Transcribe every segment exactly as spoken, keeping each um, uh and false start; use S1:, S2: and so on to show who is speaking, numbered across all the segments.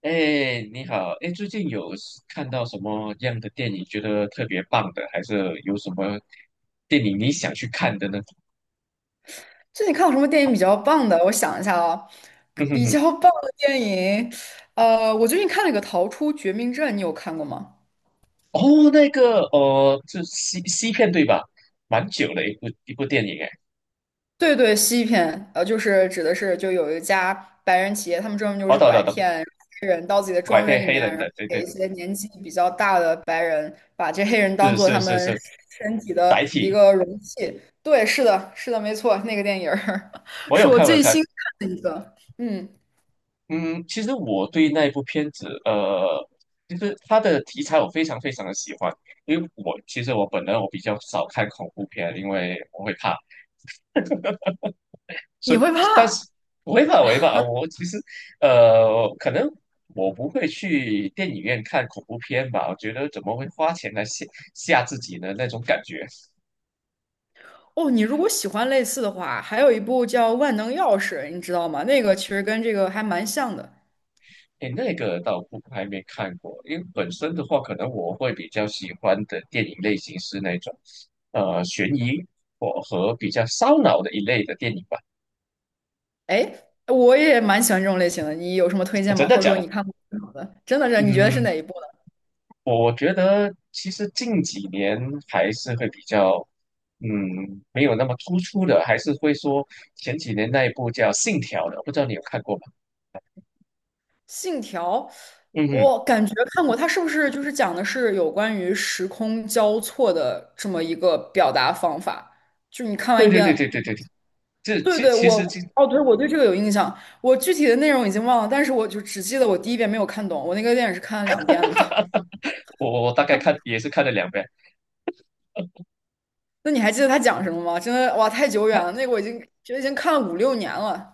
S1: 哎，你好，哎，最近有是看到什么样的电影觉得特别棒的，还是有什么电影你想去看的呢？
S2: 最近看过什么电影比较棒的？我想一下啊，
S1: 嗯哼
S2: 比
S1: 哼，
S2: 较棒的电影，呃，我最近看了一个《逃出绝命镇》，你有看过吗？
S1: 哦，那个，呃，是西西片对吧？蛮久了一部一部电影，哎，
S2: 对对，西片，呃，就是指的是就有一家白人企业，他们专门就
S1: 哦，
S2: 是
S1: 懂
S2: 拐
S1: 懂懂，
S2: 骗黑人到自己的
S1: 拐
S2: 庄
S1: 骗
S2: 园里
S1: 黑
S2: 面，
S1: 人
S2: 然
S1: 的，
S2: 后
S1: 对
S2: 给
S1: 对，
S2: 一些年纪比较大的白人，把这黑人当
S1: 是
S2: 做他
S1: 是是
S2: 们
S1: 是，
S2: 身体的
S1: 载
S2: 一
S1: 体，
S2: 个容器。对，是的，是的，没错，那个电影儿
S1: 我
S2: 是
S1: 有
S2: 我
S1: 看我有
S2: 最
S1: 看，
S2: 新看的一个。嗯，
S1: 嗯，其实我对那一部片子，呃，就是它的题材我非常非常的喜欢，因为我其实我本人我比较少看恐怖片，因为我会怕。所
S2: 你
S1: 以，
S2: 会
S1: 但
S2: 怕？
S1: 是违法违法，我其实呃，可能我不会去电影院看恐怖片吧，我觉得怎么会花钱来吓吓自己呢？那种感觉，
S2: 哦，你如果喜欢类似的话，还有一部叫《万能钥匙》，你知道吗？那个其实跟这个还蛮像的。
S1: 哎，那个倒不还没看过，因为本身的话，可能我会比较喜欢的电影类型是那种呃悬疑或和比较烧脑的一类的电影吧。
S2: 哎，我也蛮喜欢这种类型的，你有什么推
S1: 啊
S2: 荐
S1: 真
S2: 吗？
S1: 的
S2: 或者
S1: 假
S2: 说
S1: 的？
S2: 你看过最好的？真的是，你觉得是
S1: 嗯，
S2: 哪一部呢？
S1: 我觉得其实近几年还是会比较，嗯，没有那么突出的，还是会说前几年那一部叫《信条》的，不知道你有看过吗？
S2: 《信条》，
S1: 嗯哼，
S2: 我感觉看过，它是不是就是讲的是有关于时空交错的这么一个表达方法？就你看完
S1: 对
S2: 一
S1: 对对对对
S2: 遍，
S1: 对对，这
S2: 对
S1: 其
S2: 对，
S1: 其
S2: 我，
S1: 实其
S2: 哦，对，我对这个有印象，我具体的内容已经忘了，但是我就只记得我第一遍没有看懂，我那个电影是看了两遍了的。
S1: 我我我大概看也是看了两遍，
S2: 那你还记得他讲什么吗？真的哇，太久远了，
S1: 他
S2: 那个我已经觉得已经看了五六年了。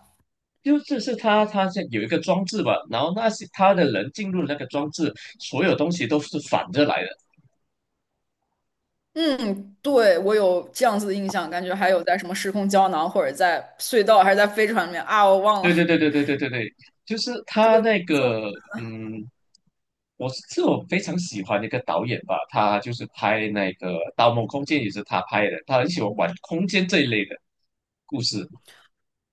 S1: 就就是他他是有一个装置吧，然后那些他的人进入那个装置，所有东西都是反着来的。
S2: 嗯，对，我有这样子的印象，感觉还有在什么时空胶囊，或者在隧道，还是在飞船里面啊，我忘了
S1: 对对对对对对对对，就是
S2: 这
S1: 他
S2: 个
S1: 那
S2: 没错
S1: 个，嗯，我是是我非常喜欢的一个导演吧，他就是拍那个《盗梦空间》也是他拍的，他很喜欢玩空间这一类的故事。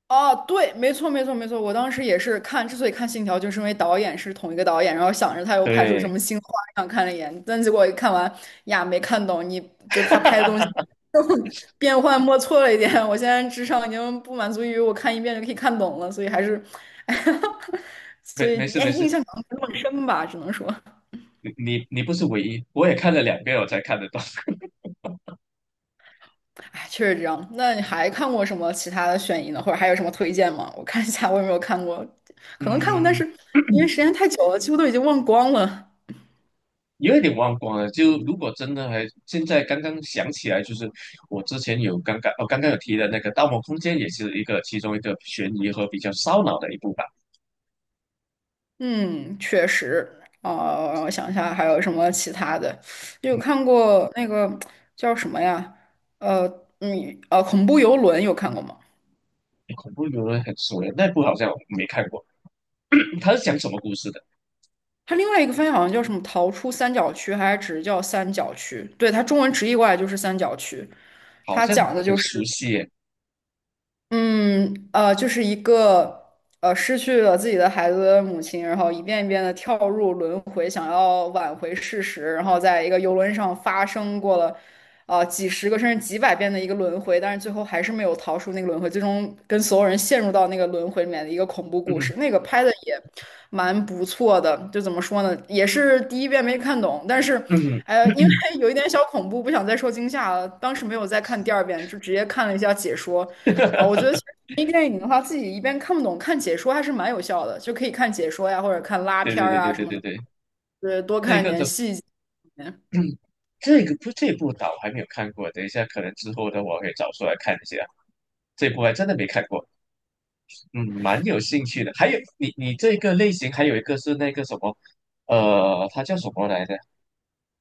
S2: 哦，对，没错，没错，没错。我当时也是看，之所以看《信条》，就是因为导演是同一个导演，然后想着他又拍出什
S1: 对，
S2: 么新花样，看了一眼，但结果一看完呀，没看懂，你就是他拍的东西 变幻莫测了一点。我现在智商已经不满足于我看一遍就可以看懂了，所以还是，所
S1: 没
S2: 以
S1: 没事
S2: 哎，
S1: 没事，
S2: 印象可能没那么深吧，只能说，
S1: 你你你不是唯一，我也看了两遍我才看得到。
S2: 哎，确实这样。那你还看过什么其他的悬疑呢？或者还有什么推荐吗？我看一下我有没有看过，可能看过，但
S1: 嗯，
S2: 是因为时间太久了，几乎都已经忘光了。
S1: 有一点忘光了。就如果真的还现在刚刚想起来，就是我之前有刚刚哦刚刚有提的那个《盗梦空间》也是一个其中一个悬疑和比较烧脑的一部吧。
S2: 嗯，确实。哦，让我想一下还有什么其他的，有看过那个叫什么呀？呃，嗯，呃，恐怖游轮有看过吗？
S1: 恐怖游轮很熟耶，那部好像我没看过。他是讲什么故事的？
S2: 它另外一个翻译好像叫什么"逃出三角区"，还是只是叫"三角区"？对，它中文直译过来就是"三角区"。
S1: 好
S2: 它
S1: 像
S2: 讲的
S1: 很
S2: 就是，
S1: 熟悉耶。
S2: 嗯，呃，就是一个呃失去了自己的孩子的母亲，然后一遍一遍的跳入轮回，想要挽回事实，然后在一个游轮上发生过了呃几十个甚至几百遍的一个轮回，但是最后还是没有逃出那个轮回，最终跟所有人陷入到那个轮回里面的一个恐怖故
S1: 嗯
S2: 事。那个拍的也蛮不错的，就怎么说呢，也是第一遍没看懂，但是。
S1: 嗯，
S2: 呃，因 为有一点小恐怖，不想再受惊吓了。当时没有再看第二遍，就直接看了一下解说。啊，我觉得其实迷电影的话，自己一边看不懂，看解说还是蛮有效的，就可以看解说呀，或者看拉
S1: 对
S2: 片
S1: 对
S2: 儿
S1: 对
S2: 啊
S1: 对
S2: 什
S1: 对
S2: 么
S1: 对
S2: 的，
S1: 对，
S2: 对，多
S1: 这
S2: 看一
S1: 个
S2: 点
S1: 的
S2: 细节。
S1: 这个不这部倒还没有看过，等一下可能之后的我可以找出来看一下。这部还真的没看过，嗯，蛮有兴趣的。还有你你这个类型还有一个是那个什么，呃，它叫什么来着？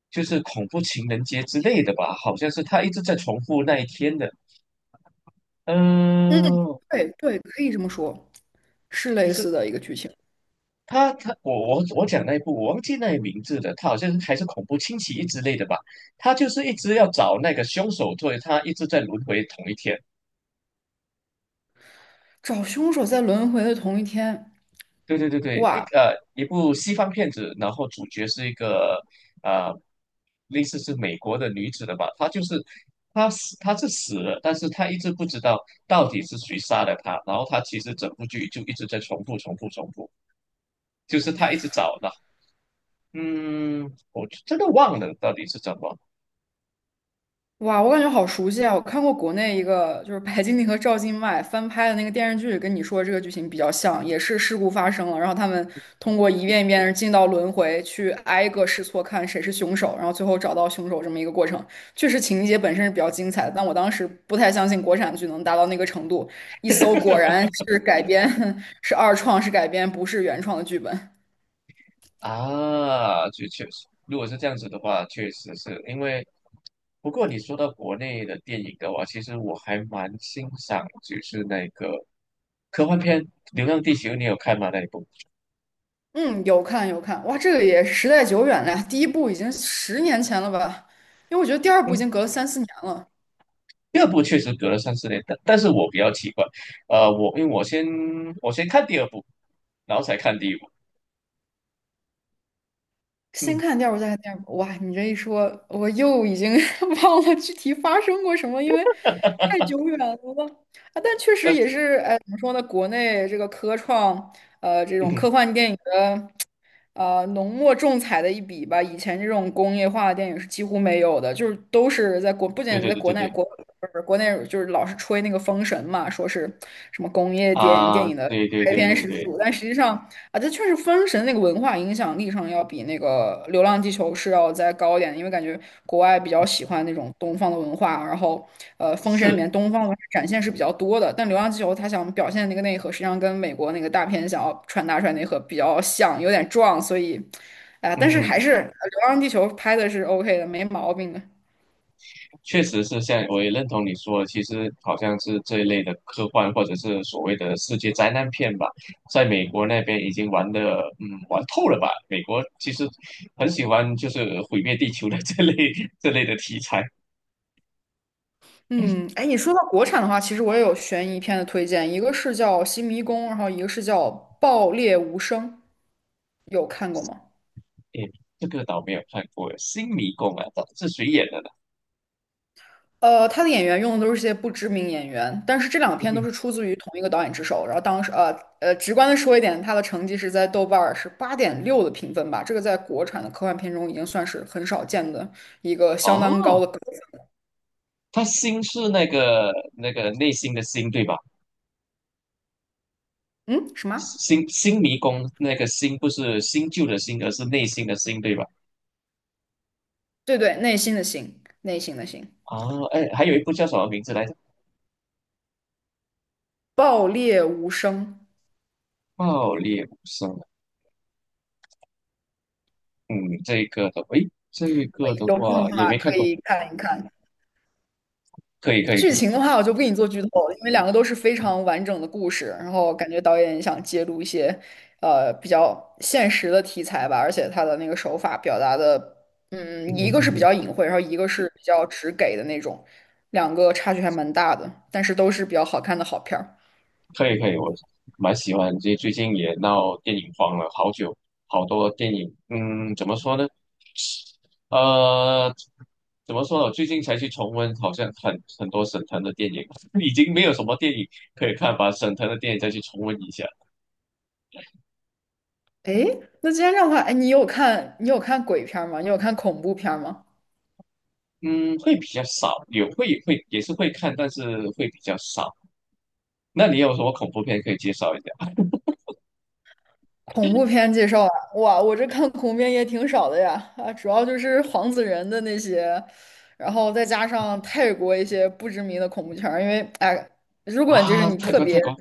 S1: 就是恐怖情人节之类的吧，好像是他一直在重复那一天的。嗯、
S2: 对对，可以这么说，是类似的一个剧情。
S1: 他他我我我讲那一部我忘记那个名字了，他好像是还是恐怖侵袭一之类的吧。他就是一直要找那个凶手，作为他一直在轮回同一天。
S2: 找凶手在轮回的同一天，
S1: 对对对对，一
S2: 哇，
S1: 呃一部西方片子，然后主角是一个呃类似是美国的女子的吧，她就是她死她是死了，但是她一直不知道到底是谁杀了她，然后她其实整部剧就一直在重复重复重复，就是她一直找的，嗯，我真的忘了到底是怎么。
S2: 哇，我感觉好熟悉啊！我看过国内一个就是白敬亭和赵今麦翻拍的那个电视剧，跟你说的这个剧情比较像，也是事故发生了，然后他们通过一遍一遍的进到轮回，去挨个试错看谁是凶手，然后最后找到凶手这么一个过程。确实情节本身是比较精彩的，但我当时不太相信国产剧能达到那个程度，一搜果然是改编，是二创，是改编，不是原创的剧本。
S1: 啊，就确实，如果是这样子的话，确实是因为。不过你说到国内的电影的话，其实我还蛮欣赏，就是那个科幻片《流浪地球》，你有看吗？那一部？
S2: 嗯，有看有看，哇，这个也时代久远了呀，第一部已经十年前了吧？因为我觉得第二部已
S1: 嗯，
S2: 经隔了三四年了，
S1: 第二部确实隔了三四年，但但是我比较奇怪，呃，我因为我先我先看第二部，然后才看第一部。
S2: 先
S1: 嗯，
S2: 看第二部再看第二部，哇，你这一说，我又已经 忘了具体发生过什么，因为太久远了啊。但确实
S1: 呃，
S2: 也是，哎，怎么说呢？国内这个科创，呃，这种
S1: 嗯，
S2: 科幻电影的呃浓墨重彩的一笔吧。以前这种工业化的电影是几乎没有的，就是都是在国，不
S1: 对
S2: 仅
S1: 对
S2: 在
S1: 对
S2: 国
S1: 对
S2: 内，
S1: 对，
S2: 国不是国内就是老是吹那个《封神》嘛，说是什么工业电电
S1: 啊，
S2: 影的
S1: 对对
S2: 开
S1: 对
S2: 篇
S1: 对
S2: 始
S1: 对，
S2: 祖，但实际上啊，这确实《封神》那个文化影响力上要比那个《流浪地球》是要再高一点的因为感觉国外比较喜欢那种东方的文化，然后呃，《封神》里
S1: 是，
S2: 面东方文化展现是比较多的，但《流浪地球》它想表现那个内核，实际上跟美国那个大片想要传达出来内核比较像，有点撞，所以，啊、但是还
S1: 嗯。
S2: 是呃流浪地球》拍的是 OK 的，没毛病的。
S1: 确实是像我也认同你说的，其实好像是这一类的科幻或者是所谓的世界灾难片吧，在美国那边已经玩的，嗯，玩透了吧？美国其实很喜欢就是毁灭地球的这类 这类的题材。
S2: 嗯，哎，你说到国产的话，其实我也有悬疑片的推荐，一个是叫《新迷宫》，然后一个是叫《爆裂无声》，有看过吗？
S1: 诶，这个倒没有看过，《新迷宫》啊，这是谁演的呢？
S2: 呃，他的演员用的都是些不知名演员，但是这两
S1: 嗯
S2: 篇都
S1: 哼，
S2: 是出自于同一个导演之手。然后当时，呃呃，直观的说一点，他的成绩是在豆瓣儿是八点六的评分吧，这个在国产的科幻片中已经算是很少见的一个相当高
S1: 哦，
S2: 的高
S1: 他新是那个那个内心的心，对吧？
S2: 分嗯，什么？
S1: 新新迷宫那个新不是新旧的新，而是内心的心，对吧？
S2: 对对，内心的心，内心的心，
S1: 哦，哎，还有一部叫什么名字来？着？
S2: 爆裂无声。
S1: 爆裂无声，嗯，这个的，诶，这个的
S2: 有空
S1: 话
S2: 的
S1: 也
S2: 话
S1: 没看
S2: 可
S1: 过，
S2: 以看一看。
S1: 可以可以可
S2: 剧
S1: 以，
S2: 情的话，我就不给你做剧透了，因为两个都是非常完整的故事，然后感觉导演想揭露一些呃比较现实的题材吧，而且他的那个手法表达的，
S1: 嗯
S2: 嗯，一
S1: 嗯
S2: 个
S1: 嗯
S2: 是比
S1: 嗯，
S2: 较隐晦，然后一个是比较直给的那种，两个差距还蛮大的，但是都是比较好看的好片儿。
S1: 可以可以，我蛮喜欢，这最近也闹电影荒了，好久好多电影，嗯，怎么说呢？呃，怎么说呢？我最近才去重温，好像很很多沈腾的电影，已经没有什么电影可以看，把沈腾的电影再去重温一下，
S2: 诶，那既然这样的话，哎，你有看你有看鬼片儿吗？你有看恐怖片儿吗？
S1: 嗯，会比较少，有会会也是会看，但是会比较少。那你有什么恐怖片可以介绍一下？
S2: 恐怖片介绍啊，哇，我这看恐怖片也挺少的呀，啊，主要就是黄子仁的那些，然后再加上泰国一些不知名的恐怖片儿，因为哎，如果就是
S1: 啊，
S2: 你
S1: 泰
S2: 特
S1: 国泰
S2: 别
S1: 国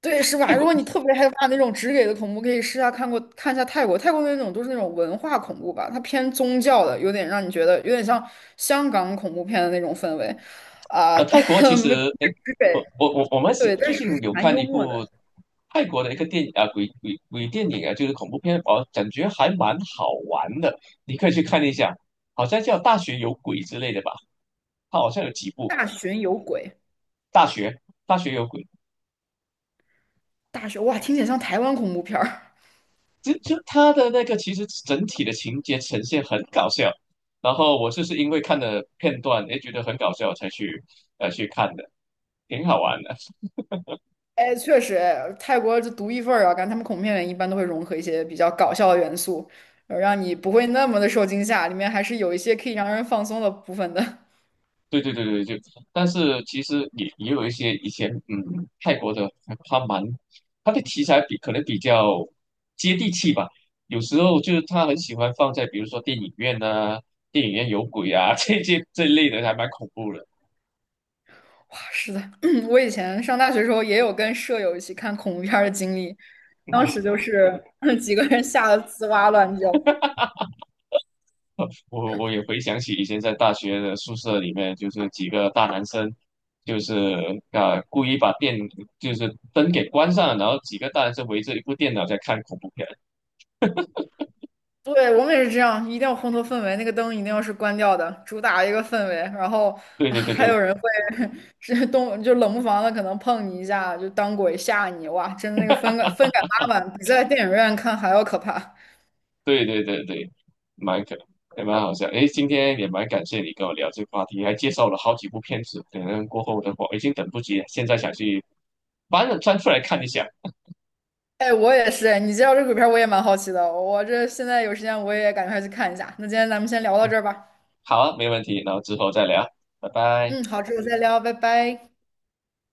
S2: 对是
S1: 泰
S2: 吧？如
S1: 国
S2: 果你特别害怕那种直给的恐怖，可以试下看过看一下泰国，泰国那种都是那种文化恐怖吧，它偏宗教的，有点让你觉得有点像香港恐怖片的那种氛围，啊、
S1: 呃，泰国其
S2: 没不
S1: 实，哎，
S2: 是给
S1: 我我我我们喜
S2: 对，
S1: 最
S2: 但是还
S1: 近
S2: 是
S1: 有
S2: 蛮
S1: 看
S2: 幽
S1: 一
S2: 默的，
S1: 部泰国的一个电影啊，鬼鬼鬼电影啊，就是恐怖片，哦，感觉还蛮好玩的，你可以去看一下，好像叫《大学有鬼》之类的吧，它好像有几部
S2: 大巡有鬼，
S1: 《大学》《大学有鬼》，
S2: 大学哇，听起来像台湾恐怖片儿。
S1: 就就它的那个其实整体的情节呈现很搞笑，然后我就是因为看了片段，哎，觉得很搞笑才去呃去看的，挺好玩的。
S2: 哎，确实，泰国就独一份儿啊，感觉他们恐怖片里面一般都会融合一些比较搞笑的元素，呃让你不会那么的受惊吓，里面还是有一些可以让人放松的部分的。
S1: 对对对对，就，但是其实也也有一些以前，嗯，泰国的他蛮他的题材比可能比较接地气吧，有时候就是他很喜欢放在比如说电影院呐、电影院有鬼啊 这些这一类的，还蛮恐怖的。
S2: 哇，是的，我以前上大学的时候也有跟舍友一起看恐怖片儿的经历，当时就 是 几个人吓得吱哇乱叫。
S1: 我我也回想起以前在大学的宿舍里面，就是几个大男生，就是啊、故意把电就是灯给关上，然后几个大男生围着一部电脑在看恐怖片。
S2: 对，我们也是这样，一定要烘托氛围，那个灯一定要是关掉的，主打一个氛围。然后
S1: 对
S2: 啊
S1: 对对
S2: 还
S1: 对。
S2: 有人会 是动，就冷不防的可能碰你一下，就当鬼吓你，哇，真的那个分感分感拉满，比在电影院看还要可怕。
S1: 对对对对，蛮可也蛮好笑。诶，今天也蛮感谢你跟我聊这个话题，还介绍了好几部片子。可能过后的话，我已经等不及了，现在想去翻翻出来看一下。
S2: 哎，我也是，哎，你介绍这鬼片儿我也蛮好奇的，我这现在有时间我也赶快去看一下。那今天咱们先聊到这儿吧。
S1: 好啊，没问题，然后之后再聊，拜拜。
S2: 嗯，好，之后再聊，拜拜。